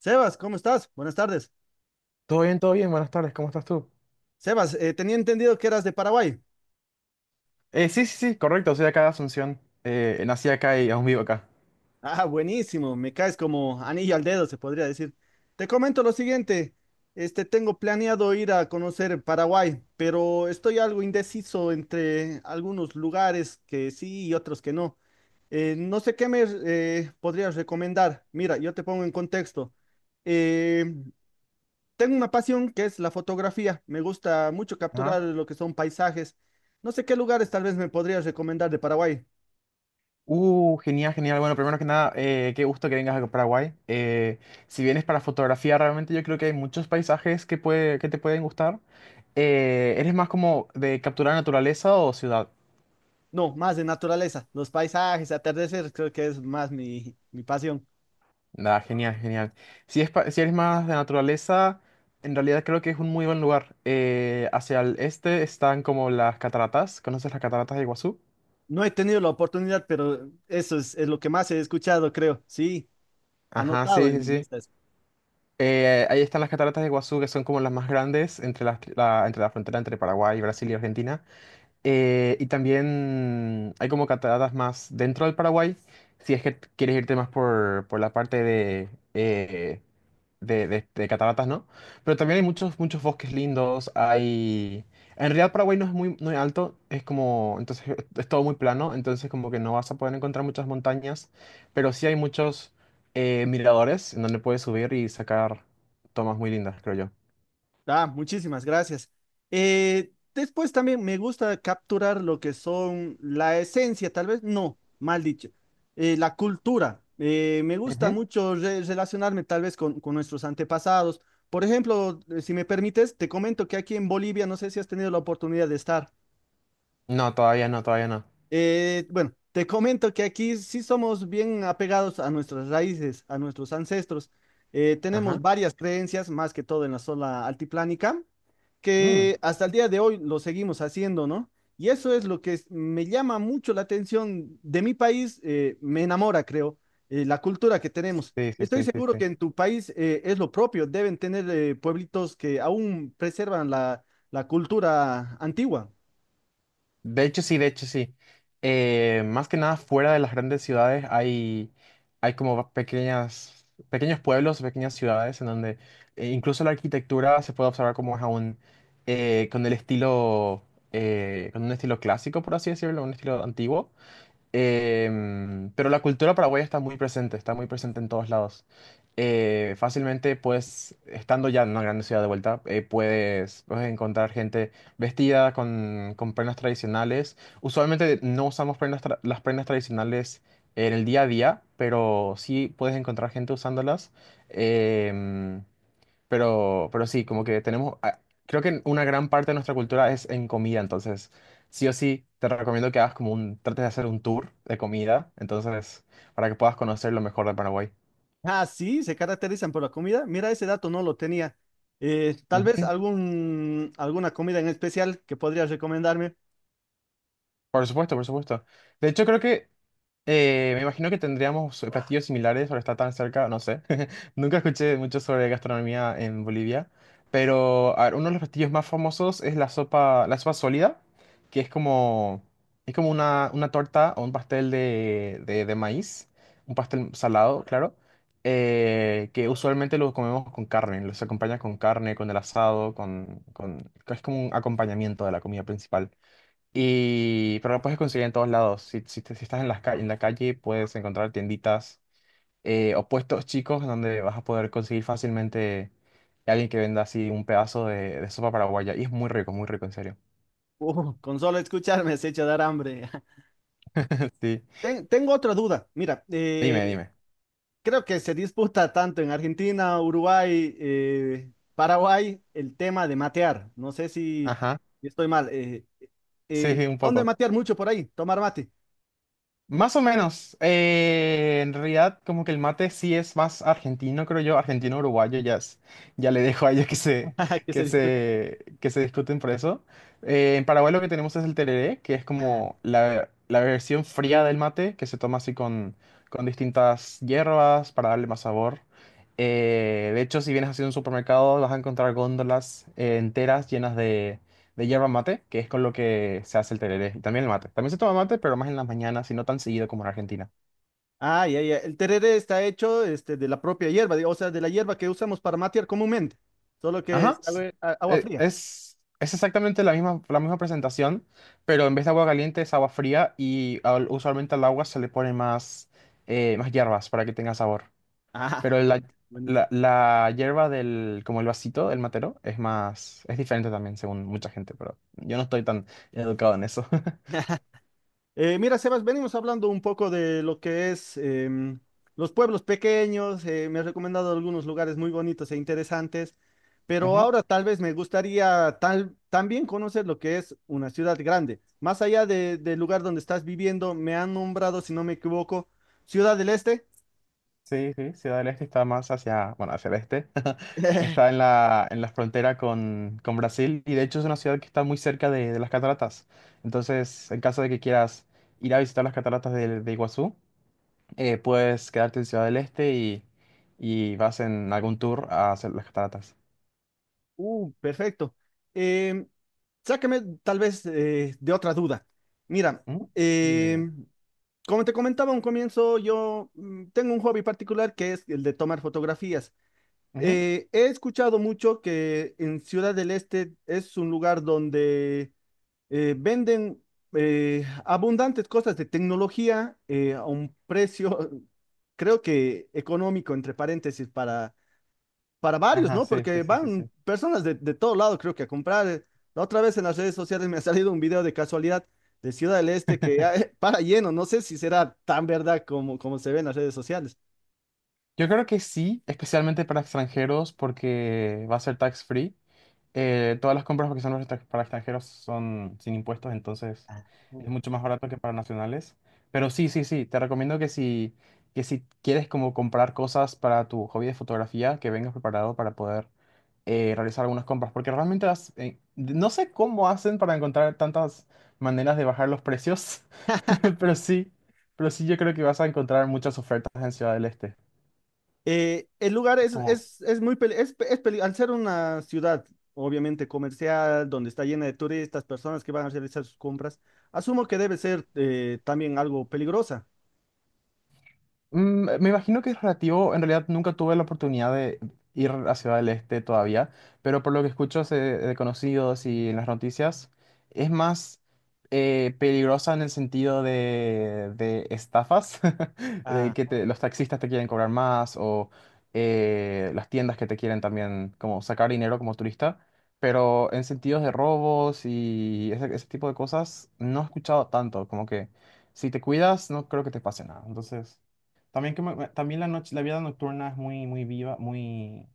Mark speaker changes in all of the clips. Speaker 1: Sebas, ¿cómo estás? Buenas tardes.
Speaker 2: Todo bien, buenas tardes, ¿cómo estás tú?
Speaker 1: Sebas, tenía entendido que eras de Paraguay.
Speaker 2: Sí, sí, sí, correcto, soy de acá de Asunción. Nací acá y aún vivo acá.
Speaker 1: Ah, buenísimo, me caes como anillo al dedo, se podría decir. Te comento lo siguiente, tengo planeado ir a conocer Paraguay, pero estoy algo indeciso entre algunos lugares que sí y otros que no. No sé qué me podrías recomendar. Mira, yo te pongo en contexto. Eh, Tengo una pasión que es la fotografía. Me gusta mucho
Speaker 2: Ajá.
Speaker 1: capturar lo que son paisajes. No sé qué lugares tal vez me podrías recomendar de Paraguay.
Speaker 2: Genial, genial. Bueno, primero que nada, qué gusto que vengas a Paraguay. Si vienes para fotografía, realmente yo creo que hay muchos paisajes que, puede, que te pueden gustar. ¿Eres más como de capturar naturaleza o ciudad?
Speaker 1: No, más de naturaleza. Los paisajes, atardecer, creo que es más mi pasión.
Speaker 2: Nada, genial, genial. Si, si eres más de naturaleza, en realidad creo que es un muy buen lugar. Hacia el este están como las cataratas. ¿Conoces las cataratas de Iguazú?
Speaker 1: No he tenido la oportunidad, pero es lo que más he escuchado, creo. Sí,
Speaker 2: Ajá,
Speaker 1: anotado
Speaker 2: sí,
Speaker 1: en
Speaker 2: sí,
Speaker 1: mi
Speaker 2: sí.
Speaker 1: lista.
Speaker 2: Ahí están las cataratas de Iguazú, que son como las más grandes entre la, entre la frontera entre Paraguay, Brasil y Argentina. Y también hay como cataratas más dentro del Paraguay, si es que quieres irte más por la parte eh, de, de cataratas, ¿no? Pero también hay muchos, muchos bosques lindos, hay... En realidad Paraguay no es muy, muy alto, es como... Entonces es todo muy plano, entonces como que no vas a poder encontrar muchas montañas, pero sí hay muchos miradores en donde puedes subir y sacar tomas muy lindas, creo yo.
Speaker 1: Ah, muchísimas gracias. Después también me gusta capturar lo que son la esencia, tal vez, no, mal dicho, la cultura. Me gusta
Speaker 2: Ujú.
Speaker 1: mucho relacionarme tal vez con nuestros antepasados. Por ejemplo, si me permites, te comento que aquí en Bolivia, no sé si has tenido la oportunidad de estar.
Speaker 2: No, todavía no, todavía no.
Speaker 1: Bueno, te comento que aquí sí somos bien apegados a nuestras raíces, a nuestros ancestros. Tenemos
Speaker 2: Ajá.
Speaker 1: varias creencias, más que todo en la zona altiplánica,
Speaker 2: Mm.
Speaker 1: que hasta el día de hoy lo seguimos haciendo, ¿no? Y eso es lo que es- me llama mucho la atención de mi país, me enamora, creo, la cultura que tenemos.
Speaker 2: Sí,
Speaker 1: Y
Speaker 2: sí,
Speaker 1: estoy
Speaker 2: sí, sí,
Speaker 1: seguro que
Speaker 2: sí.
Speaker 1: en tu país es lo propio, deben tener pueblitos que aún preservan la cultura antigua.
Speaker 2: De hecho, sí, de hecho, sí. Más que nada, fuera de las grandes ciudades hay como pequeños pueblos, pequeñas ciudades en donde incluso la arquitectura se puede observar como es aún con el estilo, con un estilo clásico, por así decirlo, un estilo antiguo. Pero la cultura paraguaya está muy presente en todos lados. Fácilmente, pues, estando ya en una gran ciudad de vuelta, puedes encontrar gente vestida con prendas tradicionales. Usualmente no usamos las prendas tradicionales en el día a día, pero sí puedes encontrar gente usándolas. Em, pero, sí, como que tenemos, creo que una gran parte de nuestra cultura es en comida, entonces sí o sí te recomiendo que hagas como trates de hacer un tour de comida, entonces para que puedas conocer lo mejor de Paraguay.
Speaker 1: Ah, sí, se caracterizan por la comida. Mira, ese dato no lo tenía. Tal vez
Speaker 2: Ujú.
Speaker 1: alguna comida en especial que podrías recomendarme.
Speaker 2: Por supuesto, por supuesto. De hecho, creo que me imagino que tendríamos platillos similares por estar tan cerca, no sé. Nunca escuché mucho sobre gastronomía en Bolivia, pero a ver, uno de los platillos más famosos es la sopa sólida, que es como una torta o un pastel de, de maíz, un pastel salado, claro, que usualmente lo comemos con carne, los acompaña con carne, con el asado, con, es como un acompañamiento de la comida principal. Y, pero lo puedes conseguir en todos lados. Si, si, si estás en las en la calle, puedes encontrar tienditas o puestos chicos donde vas a poder conseguir fácilmente alguien que venda así un pedazo de sopa paraguaya. Y es muy rico, en serio.
Speaker 1: Con solo escucharme se echa a dar hambre.
Speaker 2: Sí.
Speaker 1: Tengo otra duda. Mira,
Speaker 2: Dime, dime.
Speaker 1: creo que se disputa tanto en Argentina, Uruguay, Paraguay el tema de matear. No sé
Speaker 2: Ajá.
Speaker 1: si estoy mal.
Speaker 2: Sí, sí, un
Speaker 1: ¿Dónde
Speaker 2: poco.
Speaker 1: matear mucho por ahí? Tomar mate.
Speaker 2: Más o menos. En realidad, como que el mate sí es más argentino, creo yo, argentino-uruguayo, ya, ya le dejo a ellos que se,
Speaker 1: Que se disputa.
Speaker 2: que se discuten por eso. En Paraguay lo que tenemos es el tereré, que es como la versión fría del mate, que se toma así con distintas hierbas para darle más sabor. De hecho, si vienes así a un supermercado, vas a encontrar góndolas enteras llenas de yerba mate, que es con lo que se hace el tereré. Y también el mate. También se toma mate, pero más en las mañanas y no tan seguido como en Argentina.
Speaker 1: Ah, ya, ya. El tereré está hecho de la propia hierba, digo, o sea, de la hierba que usamos para matear comúnmente, solo que
Speaker 2: Ajá.
Speaker 1: es agua, agua fría.
Speaker 2: Es exactamente la misma presentación, pero en vez de agua caliente es agua fría y usualmente al agua se le pone más, más hierbas para que tenga sabor.
Speaker 1: Ajá.
Speaker 2: Pero la,
Speaker 1: Buenísimo.
Speaker 2: la hierba del, como el vasito, el matero, es más, es diferente también según mucha gente, pero yo no estoy tan educado en eso.
Speaker 1: Mira, Sebas, venimos hablando un poco de lo que es los pueblos pequeños, me has recomendado algunos lugares muy bonitos e interesantes, pero
Speaker 2: Ujú.
Speaker 1: ahora tal vez me gustaría también conocer lo que es una ciudad grande. Más allá del lugar donde estás viviendo, me han nombrado, si no me equivoco, Ciudad del Este.
Speaker 2: Sí, sí, Ciudad del Este está más hacia, bueno, hacia el este. Está en la frontera con Brasil y de hecho es una ciudad que está muy cerca de las cataratas. Entonces, en caso de que quieras ir a visitar las cataratas de Iguazú, puedes quedarte en Ciudad del Este y vas en algún tour a hacer las cataratas.
Speaker 1: Perfecto. Em, sácame tal vez de otra duda. Mira,
Speaker 2: ¿Mm? Dime, dime.
Speaker 1: em, como te comentaba a un comienzo, yo tengo un hobby particular que es el de tomar fotografías.
Speaker 2: Ujú.
Speaker 1: He escuchado mucho que en Ciudad del Este es un lugar donde venden abundantes cosas de tecnología a un precio, creo que económico, entre paréntesis, para varios,
Speaker 2: Ajá,
Speaker 1: ¿no?
Speaker 2: sí, sí,
Speaker 1: Porque
Speaker 2: sí, sí,
Speaker 1: van
Speaker 2: sí.
Speaker 1: personas de todo lado, creo que a comprar. La otra vez en las redes sociales me ha salido un video de casualidad de Ciudad del Este que ya, para lleno, no sé si será tan verdad como se ve en las redes sociales.
Speaker 2: Yo creo que sí, especialmente para extranjeros porque va a ser tax free. Todas las compras que son para para extranjeros son sin impuestos, entonces es
Speaker 1: Mm.
Speaker 2: mucho más barato que para nacionales. Pero sí, sí, sí, te recomiendo que si quieres como comprar cosas para tu hobby de fotografía, que vengas preparado para poder realizar algunas compras, porque realmente no sé cómo hacen para encontrar tantas maneras de bajar los precios, pero sí, pero sí yo creo que vas a encontrar muchas ofertas en Ciudad del Este.
Speaker 1: El lugar
Speaker 2: Es como
Speaker 1: al ser una ciudad obviamente comercial, donde está llena de turistas, personas que van a realizar sus compras, asumo que debe ser también algo peligrosa.
Speaker 2: Me imagino que es relativo, en realidad nunca tuve la oportunidad de ir a Ciudad del Este todavía, pero por lo que escucho de conocidos y en las noticias, es más peligrosa en el sentido de estafas, de
Speaker 1: Ah,
Speaker 2: que los taxistas te quieren cobrar más o las tiendas que te quieren también como sacar dinero como turista, pero en sentidos de robos y ese tipo de cosas no he escuchado tanto, como que si te cuidas no creo que te pase nada, entonces... También, que también la noche, la vida nocturna es muy, muy viva, muy,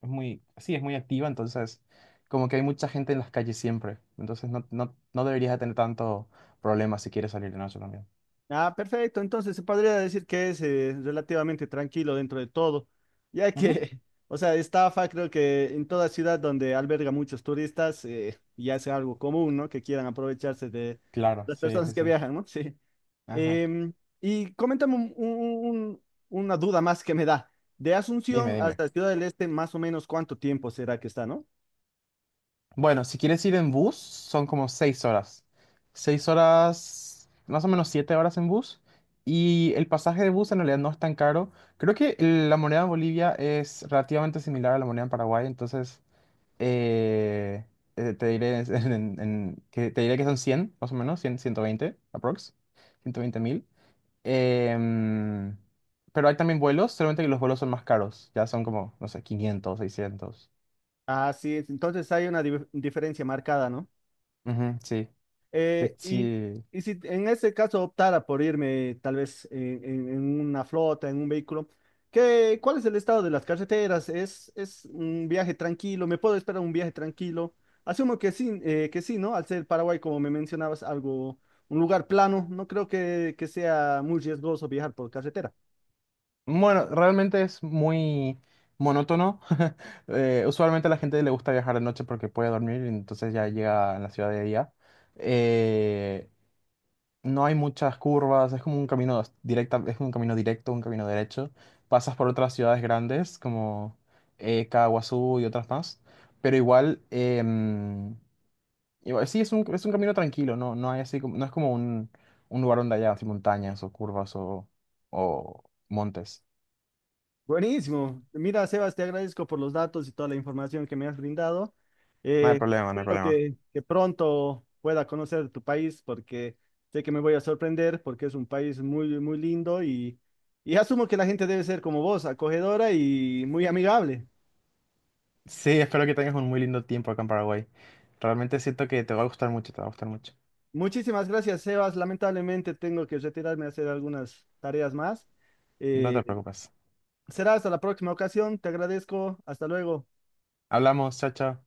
Speaker 2: es muy, sí, es muy activa, entonces como que hay mucha gente en las calles siempre, entonces no, no, no deberías de tener tanto problema si quieres salir de noche también.
Speaker 1: Ah, perfecto. Entonces se podría decir que es relativamente tranquilo dentro de todo, ya
Speaker 2: Ujú.
Speaker 1: que, o sea, estafa creo que en toda ciudad donde alberga muchos turistas ya sea algo común, ¿no? Que quieran aprovecharse de
Speaker 2: Claro,
Speaker 1: las
Speaker 2: sí, sí,
Speaker 1: personas que
Speaker 2: sí.
Speaker 1: viajan, ¿no? Sí.
Speaker 2: Ajá.
Speaker 1: Em, y coméntame una duda más que me da. De
Speaker 2: Dime,
Speaker 1: Asunción
Speaker 2: dime.
Speaker 1: hasta Ciudad del Este, más o menos cuánto tiempo será que está, ¿no?
Speaker 2: Bueno, si quieres ir en bus, son como 6 horas. Seis horas, más o menos 7 horas en bus. Y el pasaje de bus en realidad no es tan caro. Creo que la moneda en Bolivia es relativamente similar a la moneda en Paraguay, entonces Eh, te diré, te diré que son 100 más o menos, cien 120 aprox, 120.000. Em, pero hay también vuelos, solamente que los vuelos son más caros, ya son como, no sé, 500 seiscientos.
Speaker 1: Ah, sí, entonces hay una diferencia marcada, ¿no?
Speaker 2: Ujú, sí, sí,
Speaker 1: Eh, y,
Speaker 2: sí.
Speaker 1: y si en ese caso optara por irme tal vez en una flota, en un vehículo, ¿cuál es el estado de las carreteras? Es un viaje tranquilo? ¿Me puedo esperar un viaje tranquilo? Asumo que sí, ¿no? Al ser Paraguay, como me mencionabas, un lugar plano, no creo que sea muy riesgoso viajar por carretera.
Speaker 2: Bueno, realmente es muy monótono. Usualmente a la gente le gusta viajar de noche porque puede dormir, entonces ya llega a la ciudad de día. Eh, no hay muchas curvas, es como un camino directa, es un camino directo, un camino derecho. Pasas por otras ciudades grandes como Kawasu y otras más, pero igual, igual sí, es un camino tranquilo, no, no hay así como, no es como un lugar donde haya así montañas o curvas o montes.
Speaker 1: Buenísimo. Mira, Sebas, te agradezco por los datos y toda la información que me has brindado.
Speaker 2: No hay problema, no hay
Speaker 1: Espero
Speaker 2: problema.
Speaker 1: que pronto pueda conocer tu país porque sé que me voy a sorprender porque es un país muy, muy lindo y asumo que la gente debe ser como vos, acogedora y muy amigable.
Speaker 2: Sí, espero que tengas un muy lindo tiempo acá en Paraguay. Realmente siento que te va a gustar mucho, te va a gustar mucho.
Speaker 1: Muchísimas gracias, Sebas. Lamentablemente tengo que retirarme a hacer algunas tareas más.
Speaker 2: No te
Speaker 1: Eh,
Speaker 2: preocupes.
Speaker 1: será hasta la próxima ocasión. Te agradezco. Hasta luego.
Speaker 2: Hablamos, chao, chao.